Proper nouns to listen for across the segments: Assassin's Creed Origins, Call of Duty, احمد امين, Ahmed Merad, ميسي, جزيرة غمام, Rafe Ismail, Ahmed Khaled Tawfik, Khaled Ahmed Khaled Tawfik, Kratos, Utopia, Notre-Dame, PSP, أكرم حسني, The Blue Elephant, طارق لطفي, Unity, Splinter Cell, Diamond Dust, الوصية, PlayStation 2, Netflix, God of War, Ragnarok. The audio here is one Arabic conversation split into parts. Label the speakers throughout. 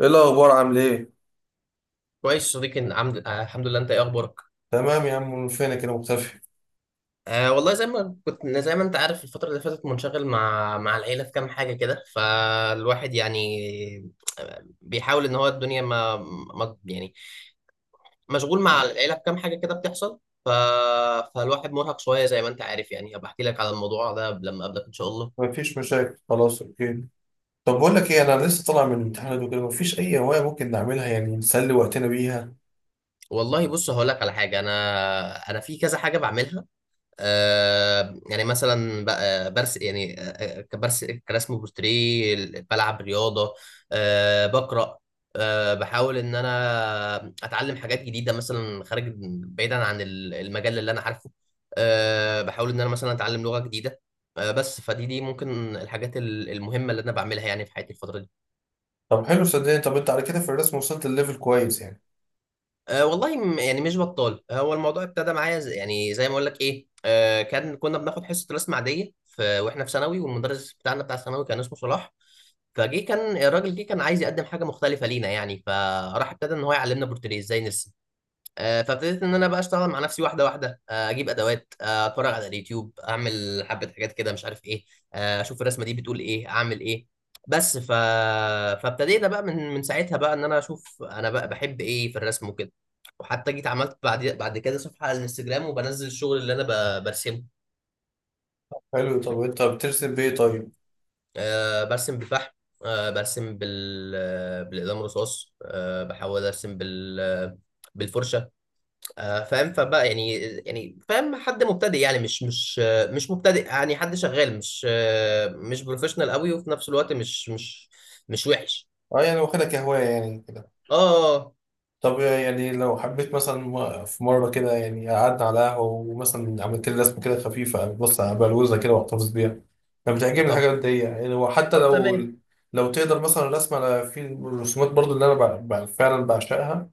Speaker 1: ايه الاخبار، عامل ايه؟
Speaker 2: كويس صديقي إن عمد... آه الحمد لله، انت ايه اخبارك؟
Speaker 1: تمام يا عم، من فينك كده مختفي؟
Speaker 2: والله زي ما كنت، زي ما انت عارف الفتره اللي فاتت منشغل مع العيله في كام حاجه كده، فالواحد يعني بيحاول ان هو الدنيا ما, ما يعني مشغول مع العيله في كام حاجه كده بتحصل. ف... فالواحد مرهق شويه، زي ما انت عارف يعني، هبقى احكي لك على الموضوع ده لما اقابلك ان شاء الله.
Speaker 1: مفيش مشاكل، خلاص، اوكي. طب بقول لك ايه، انا لسه طالع من الامتحانات وكده، مفيش اي هوايه ممكن نعملها يعني نسلي وقتنا بيها؟
Speaker 2: والله بص هقول لك على حاجه، انا في كذا حاجه بعملها. يعني مثلا بقى برس يعني آه، كبرس كرسم بورتريه، بلعب رياضه، بقرا، بحاول ان انا اتعلم حاجات جديده مثلا خارج، بعيدا عن المجال اللي انا عارفه. بحاول ان انا مثلا اتعلم لغه جديده. بس فدي ممكن الحاجات المهمه اللي انا بعملها يعني في حياتي الفتره دي.
Speaker 1: طب حلو صدقني. طب انت على كده في الرسم وصلت الليفل كويس يعني؟
Speaker 2: والله يعني مش بطال. هو الموضوع ابتدى معايا زي يعني زي ما اقول لك ايه، كان كنا بناخد حصه رسم عاديه في واحنا في ثانوي، والمدرس بتاعنا بتاع ثانوي كان اسمه صلاح. فجه كان الراجل، جه كان عايز يقدم حاجه مختلفه لينا يعني، فراح ابتدى ان هو يعلمنا بورتريه ازاي نرسم. فابتديت ان انا بقى اشتغل مع نفسي واحده واحده، اجيب ادوات، اتفرج على اليوتيوب، اعمل حبه حاجات كده مش عارف ايه، اشوف الرسمه دي بتقول ايه اعمل ايه. بس ف... فابتدينا بقى من ساعتها بقى ان انا اشوف انا بقى بحب ايه في الرسم وكده. وحتى جيت عملت بعد كده صفحه على الانستجرام وبنزل الشغل اللي انا برسمه.
Speaker 1: حلو. طب انت بترسم بايه طيب؟
Speaker 2: برسم بالفحم، آه، برسم بال... بالاقلام الرصاص، بحاول ارسم بالفرشه. فاهم، فبقى يعني يعني فاهم حد مبتدئ يعني مش مبتدئ، يعني حد شغال مش مش بروفيشنال قوي، وفي نفس الوقت مش وحش.
Speaker 1: اه يعني واخدها كهوايه يعني.
Speaker 2: اه،
Speaker 1: طب يعني لو حبيت مثلا في مرة كده، يعني قعدنا على قهوة ومثلا عملت لي رسمة كده خفيفة، بص بلوزة كده واحتفظ بيها. أنا بتعجبني
Speaker 2: طب،
Speaker 1: الحاجات دي يعني، وحتى
Speaker 2: طب
Speaker 1: لو
Speaker 2: تمام.
Speaker 1: لو تقدر مثلا رسم على في الرسومات برضو اللي أنا فعلا بعشقها،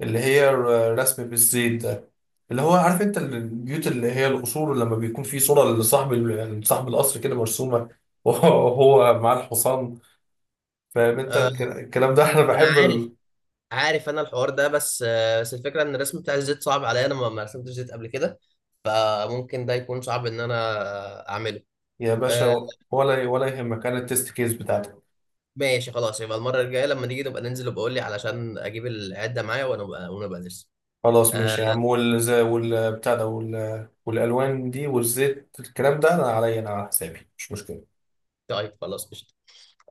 Speaker 1: اللي هي الرسم بالزيت ده، اللي هو عارف أنت البيوت اللي هي القصور لما بيكون في صورة لصاحب صاحب القصر كده مرسومة وهو معاه الحصان. فاهم أنت؟
Speaker 2: آه،
Speaker 1: الكلام ده أنا
Speaker 2: انا
Speaker 1: بحب.
Speaker 2: عارف، عارف انا الحوار ده، بس الفكره ان الرسم بتاع الزيت صعب عليا، انا ما ما رسمتش زيت قبل كده. فممكن ده يكون صعب ان انا اعمله.
Speaker 1: يا
Speaker 2: آه،
Speaker 1: باشا، ولا يهمك، انا التست كيس بتاعتك.
Speaker 2: ماشي خلاص، يبقى المره الجايه لما نيجي نبقى ننزل وبقول لي علشان اجيب العده معايا ونبقى نرسم.
Speaker 1: خلاص ماشي يا
Speaker 2: آه،
Speaker 1: عم، والزي والبتاع ده والالوان دي والزيت الكلام ده انا عليا، انا على حسابي مش مشكله.
Speaker 2: طيب خلاص قشطة.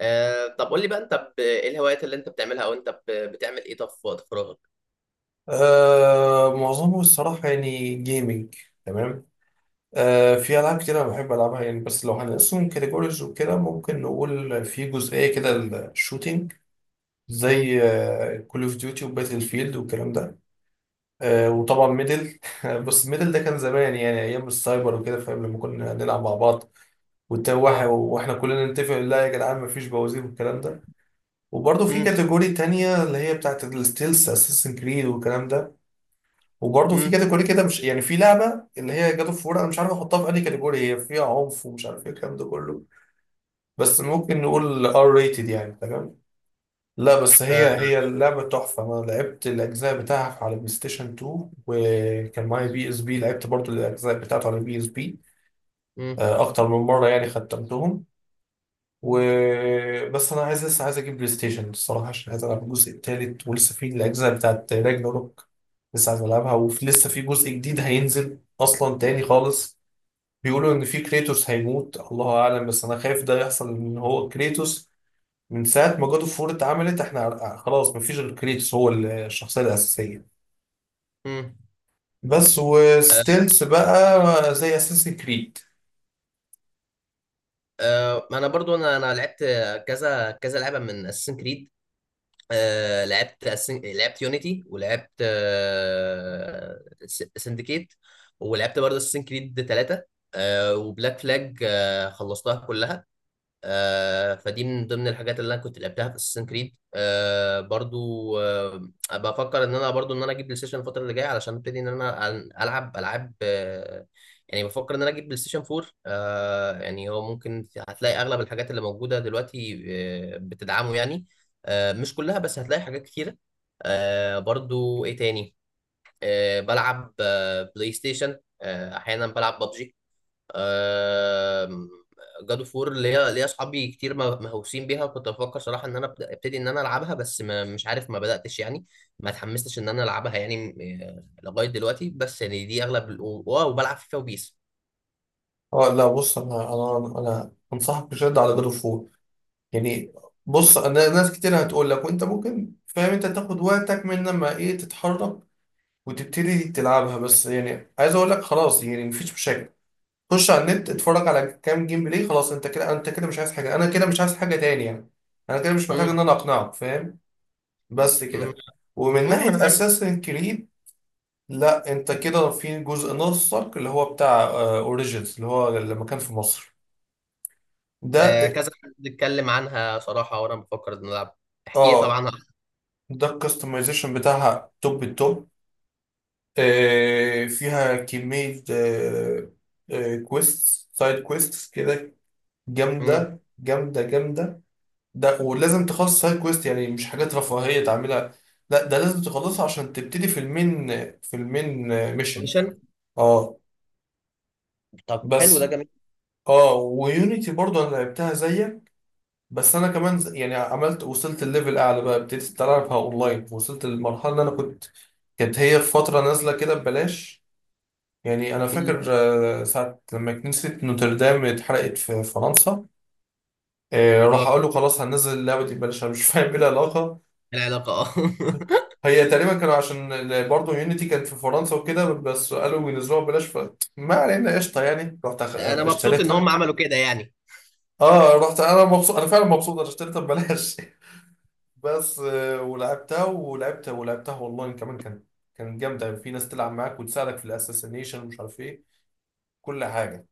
Speaker 2: طب قول لي بقى انت، ايه الهوايات اللي انت بتعملها، او انت بتعمل ايه طب في وقت فراغك؟
Speaker 1: معظمه الصراحه يعني جيمنج. تمام. في العاب كده أنا بحب العبها يعني، بس لو هنقسم كاتيجوريز وكده ممكن نقول في جزئيه كده. الشوتينج،
Speaker 2: امم.
Speaker 1: زي كول اوف ديوتي وباتل فيلد والكلام ده. وطبعا ميدل. بس ميدل ده كان زمان، يعني ايام السايبر وكده، فاهم لما كنا نلعب مع بعض،
Speaker 2: اه.
Speaker 1: واحنا كلنا نتفق لا يا جدعان مفيش بوازير والكلام ده. وبرضه في
Speaker 2: امم.
Speaker 1: كاتيجوري تانية اللي هي بتاعت الستيلز، اساسن كريد والكلام ده. وبرضه في
Speaker 2: امم.
Speaker 1: كاتيجوري كده مش يعني، في لعبة اللي هي جاد اوف وور، انا مش عارف احطها في اي كاتيجوري، هي فيها عنف ومش عارف ايه الكلام ده كله. بس ممكن نقول ار ريتد يعني، تمام. لا، بس هي
Speaker 2: آه.
Speaker 1: هي اللعبة تحفة، انا لعبت الاجزاء بتاعها على بلاي ستيشن 2 وكان معايا بي اس بي، لعبت برضه الاجزاء بتاعته على بي اس بي.
Speaker 2: امم.
Speaker 1: اكتر من مرة يعني ختمتهم. و بس انا عايز، لسه عايز اجيب بلاي ستيشن الصراحه، عشان عايز العب الجزء التالت ولسه في الاجزاء بتاعت راجناروك. لسه عايز العبها، ولسه في جزء جديد هينزل اصلا تاني خالص. بيقولوا ان في كريتوس هيموت، الله اعلم، بس انا خايف ده يحصل، ان هو كريتوس. من ساعه ما جاد اوف وور اتعملت احنا خلاص مفيش غير كريتوس، هو الشخصيه الاساسيه.
Speaker 2: امم.
Speaker 1: بس
Speaker 2: آه.
Speaker 1: وستيلز بقى زي اساسن كريد.
Speaker 2: ما انا برضو انا لعبت كذا كذا لعبة من اساسن كريد، لعبت لعبت يونيتي، ولعبت سندكيت، ولعبت برضه اساسن كريد 3، وبلاك فلاج، خلصتها كلها. فدي من ضمن الحاجات اللي انا كنت لعبتها في اساسن كريد. آه برضو آه بفكر ان انا برضو ان انا اجيب بلاي ستيشن الفتره اللي جايه علشان ابتدي ان انا العب العاب. يعني بفكر ان انا اجيب بلاي ستيشن 4. يعني هو ممكن هتلاقي اغلب الحاجات اللي موجوده دلوقتي بتدعمه يعني، مش كلها، بس هتلاقي حاجات كتيره. آه برضو ايه تاني؟ بلعب بلاي ستيشن، احيانا بلعب ببجي. جاد اوف وور، ليا اصحابي كتير مهووسين بيها، وكنت بفكر صراحه ان انا ابتدي ان انا العبها، بس ما مش عارف ما بداتش يعني، ما اتحمستش ان انا العبها يعني لغايه دلوقتي. بس يعني دي اغلب ال- و- واو وبلعب فيفا وبيس.
Speaker 1: اه لا بص، انا انصحك بشده على جاد اوف، يعني. بص انا ناس كتير هتقول لك، وانت ممكن فاهم، انت تاخد وقتك من لما ايه تتحرك وتبتدي تلعبها، بس يعني عايز اقول لك خلاص يعني مفيش مشاكل. خش على النت اتفرج على كام جيم بلاي، خلاص انت كده، انت كده مش عايز حاجه، انا كده مش عايز حاجه تاني يعني. انا كده مش محتاج ان
Speaker 2: امم.
Speaker 1: انا اقنعك، فاهم. بس
Speaker 2: امم.
Speaker 1: كده. ومن
Speaker 2: انا
Speaker 1: ناحيه
Speaker 2: عامل
Speaker 1: اساسن كريد، لا انت كده في جزء ناقصك اللي هو بتاع اوريجينز، اللي هو لما كان في مصر، ده.
Speaker 2: كذا حد اتكلم عنها صراحه، وانا بفكر ان أنا العب. احكي لي
Speaker 1: اه،
Speaker 2: طبعا.
Speaker 1: ده الكستمايزيشن بتاعها توب التوب. فيها كمية كويست، سايد كويستس كده،
Speaker 2: امم.
Speaker 1: جامدة جامدة جامدة. ده ولازم تخلص سايد كويست يعني، مش حاجات رفاهية تعملها. لا، ده لازم تخلصها عشان تبتدي في المين ميشن.
Speaker 2: ميشن.
Speaker 1: اه.
Speaker 2: طب حلو،
Speaker 1: بس.
Speaker 2: ده جميل.
Speaker 1: اه ويونيتي برضو انا لعبتها زيك، بس انا كمان يعني عملت وصلت الليفل اعلى، بقى ابتديت العبها اونلاين، وصلت للمرحلة اللي انا كنت، كانت هي في فترة نازلة كده ببلاش، يعني انا فاكر
Speaker 2: أمم.
Speaker 1: ساعه لما كنيسه نوتردام اتحرقت في فرنسا،
Speaker 2: اه.
Speaker 1: راح اقول له خلاص هننزل اللعبه دي ببلاش، انا مش فاهم ايه العلاقه.
Speaker 2: العلاقه اه.
Speaker 1: هي تقريبا كانوا، عشان برضه يونيتي كانت في فرنسا وكده، بس قالوا ينزلوها ببلاش، فما علينا قشطه، يعني رحت
Speaker 2: انا مبسوط ان
Speaker 1: اشتريتها.
Speaker 2: هم عملوا كده يعني.
Speaker 1: اه رحت انا مبسوط، انا فعلا مبسوط انا اشتريتها ببلاش بس ولعبتها والله، كمان كانت، كانت جامده، في ناس تلعب معاك وتساعدك في الاساسينيشن ومش عارف ايه، كل حاجه.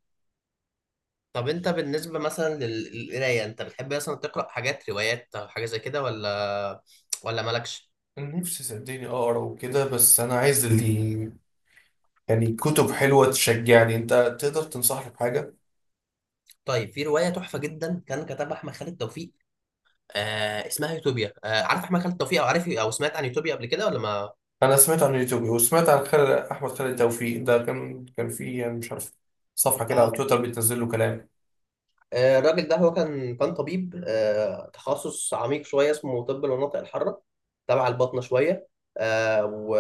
Speaker 2: طب انت بالنسبة مثلا للقراية، انت بتحب مثلا تقرأ حاجات روايات او حاجة زي كده، ولا مالكش؟
Speaker 1: نفسي صدقني اقرا وكده، بس انا عايز اللي، يعني كتب حلوه تشجعني، انت تقدر تنصحني بحاجه؟
Speaker 2: طيب في رواية تحفة جدا كان كتبها احمد خالد توفيق، اسمها يوتوبيا. عارف احمد خالد توفيق، او عارف او سمعت عن يوتوبيا قبل كده ولا ما؟
Speaker 1: انا سمعت عن يوتيوب وسمعت عن خالد، احمد خالد توفيق ده كان في يعني مش عارف، صفحه كده
Speaker 2: اه
Speaker 1: على
Speaker 2: كان-
Speaker 1: تويتر بتنزل له كلام.
Speaker 2: الراجل ده، هو كان طبيب، تخصص عميق شوية اسمه طب المناطق الحارة، تبع الباطنة شوية. آه و...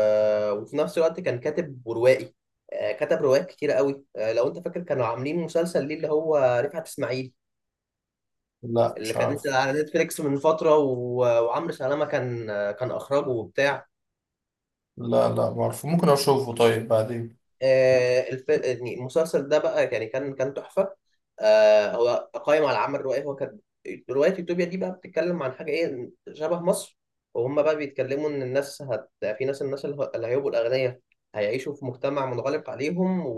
Speaker 2: وفي نفس الوقت كان كاتب وروائي. كتب روايات كتيرة قوي. لو انت فاكر كانوا عاملين مسلسل ليه اللي هو رفعت اسماعيل،
Speaker 1: لا
Speaker 2: اللي
Speaker 1: مش
Speaker 2: كانت
Speaker 1: عارف.
Speaker 2: على نتفليكس من فترة وعمرو سلامة كان أخرجه وبتاع.
Speaker 1: لا لا، ما اعرف، ممكن اشوفه طيب بعدين.
Speaker 2: يعني المسلسل ده بقى يعني كان تحفة. هو قائم على العمل الروائي، هو كان رواية يوتوبيا دي بقى بتتكلم عن حاجة إيه شبه مصر. وهم بقى بيتكلموا إن الناس هت... في ناس الناس اللي هيبقوا الأغنياء هيعيشوا في مجتمع منغلق عليهم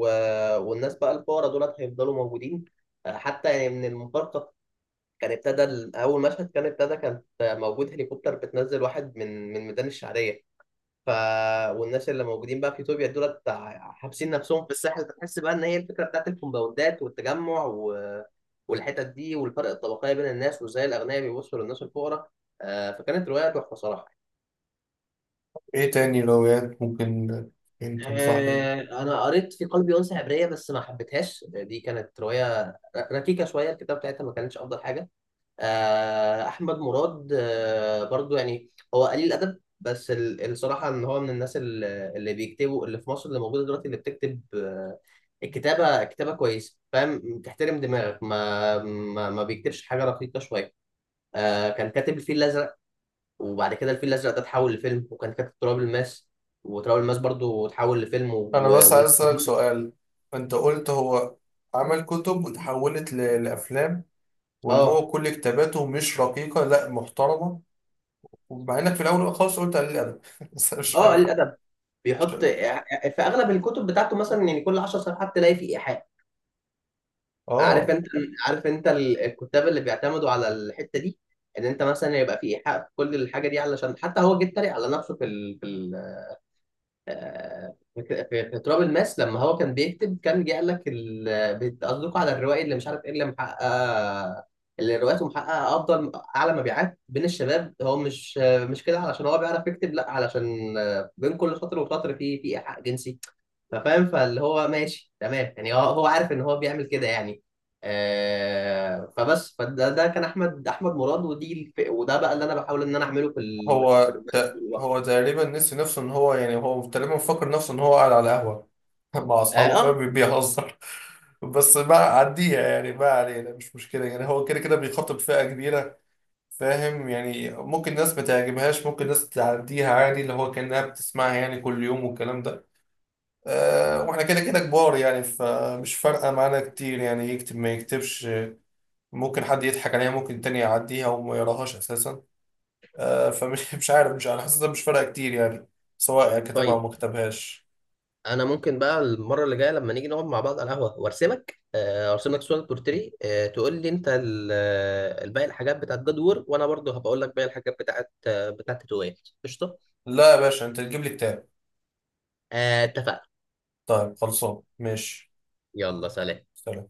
Speaker 2: والناس بقى الفقراء دولت هيفضلوا موجودين. حتى يعني من المفارقة، كان ابتدى ال- اول مشهد، كان ابتدى كانت موجود هليكوبتر بتنزل واحد من ميدان الشعريه. ف والناس اللي موجودين بقى في اثيوبيا دول حابسين نفسهم في الساحل، فتحس بقى ان هي الفكره بتاعت الكومباوندات والحتت دي والفرق الطبقيه بين الناس، وازاي الاغنياء بيبصوا للناس الفقراء. فكانت روايه تحفه صراحه.
Speaker 1: ايه تاني روايات ممكن انت تنصحني بيها؟
Speaker 2: انا قريت في قلبي انثى عبريه، بس ما حبيتهاش، دي كانت روايه ركيكه شويه، الكتاب بتاعتها ما كانتش افضل حاجه. احمد مراد، برضو يعني هو قليل الادب، بس الصراحه ان هو من الناس اللي بيكتبوا اللي في مصر اللي موجوده دلوقتي اللي بتكتب الكتابه كتابه كويسه، فاهم، تحترم دماغك، ما بيكتبش حاجه رقيقه شويه. كان كاتب الفيل الازرق، وبعد كده الفيل الازرق ده اتحول لفيلم، وكان كاتب تراب الماس، وتراب الماس برضو اتحول لفيلم
Speaker 1: انا بس عايز اسالك
Speaker 2: والفيل.
Speaker 1: سؤال. انت قلت هو عمل كتب وتحولت لافلام، وان
Speaker 2: اه.
Speaker 1: هو كل كتاباته مش رقيقه، لا، محترمه. ومع انك في الاول خالص قلت قليل الادب بس انا مش
Speaker 2: اه قليل
Speaker 1: فاهم.
Speaker 2: الادب
Speaker 1: مش-
Speaker 2: بيحط في اغلب الكتب بتاعته مثلا، يعني كل 10 صفحات تلاقي فيه ايحاء. عارف
Speaker 1: اه،
Speaker 2: انت، عارف انت الكتاب اللي بيعتمدوا على الحته دي، ان انت مثلا يبقى في ايحاء في كل الحاجه دي، علشان حتى هو جه اتريق على نفسه في ال... في ال... آه، في في- في تراب الماس، لما هو كان بيكتب كان جه قال لك بتقصدكوا على الروائي اللي مش عارف ايه، اللي محقق، اللي روايته محققه افضل اعلى مبيعات بين الشباب، هو مش كده علشان هو بيعرف يكتب، لا، علشان بين كل سطر وسطر في في ايحاء جنسي. فاهم، فاللي هو ماشي تمام يعني، هو عارف ان هو بيعمل كده يعني. آه فبس فده ده كان احمد مراد، ودي وده بقى اللي انا بحاول ان انا اعمله في في الرومانسي طول الوقت.
Speaker 1: هو تقريبا نسي نفسه ان هو، يعني هو تقريبا فاكر نفسه ان هو قاعد على قهوه مع
Speaker 2: اه.
Speaker 1: اصحابه، فاهم بيهزر. بس بقى عديها يعني، ما علينا مش مشكله، يعني هو كده كده بيخاطب فئه كبيره، فاهم. يعني ممكن ناس ما تعجبهاش، ممكن ناس تعديها عادي، اللي هو كانها بتسمعها يعني كل يوم والكلام ده. أه، واحنا كده كده كبار يعني، فمش فارقه معانا كتير، يعني يكتب ما يكتبش، ممكن حد يضحك عليها، ممكن التاني يعديها وما يقراهاش اساسا. فمش مش عارف، مش انا حاسسها مش فارقه كتير يعني، سواء كتبها او
Speaker 2: طيب
Speaker 1: ما كتبهاش.
Speaker 2: انا ممكن بقى المره اللي جايه لما نيجي نقعد مع بعض على القهوه وارسمك، ارسم لك صوره بورتري. تقول لي انت الباقي، الحاجات بتاعت جدور، وانا برضو هبقول لك باقي الحاجات بتاعت تويت. قشطه.
Speaker 1: لا يا باشا، انت تجيب لي كتاب.
Speaker 2: اتفقنا.
Speaker 1: طيب، خلصان ماشي.
Speaker 2: يلا سلام.
Speaker 1: سلام.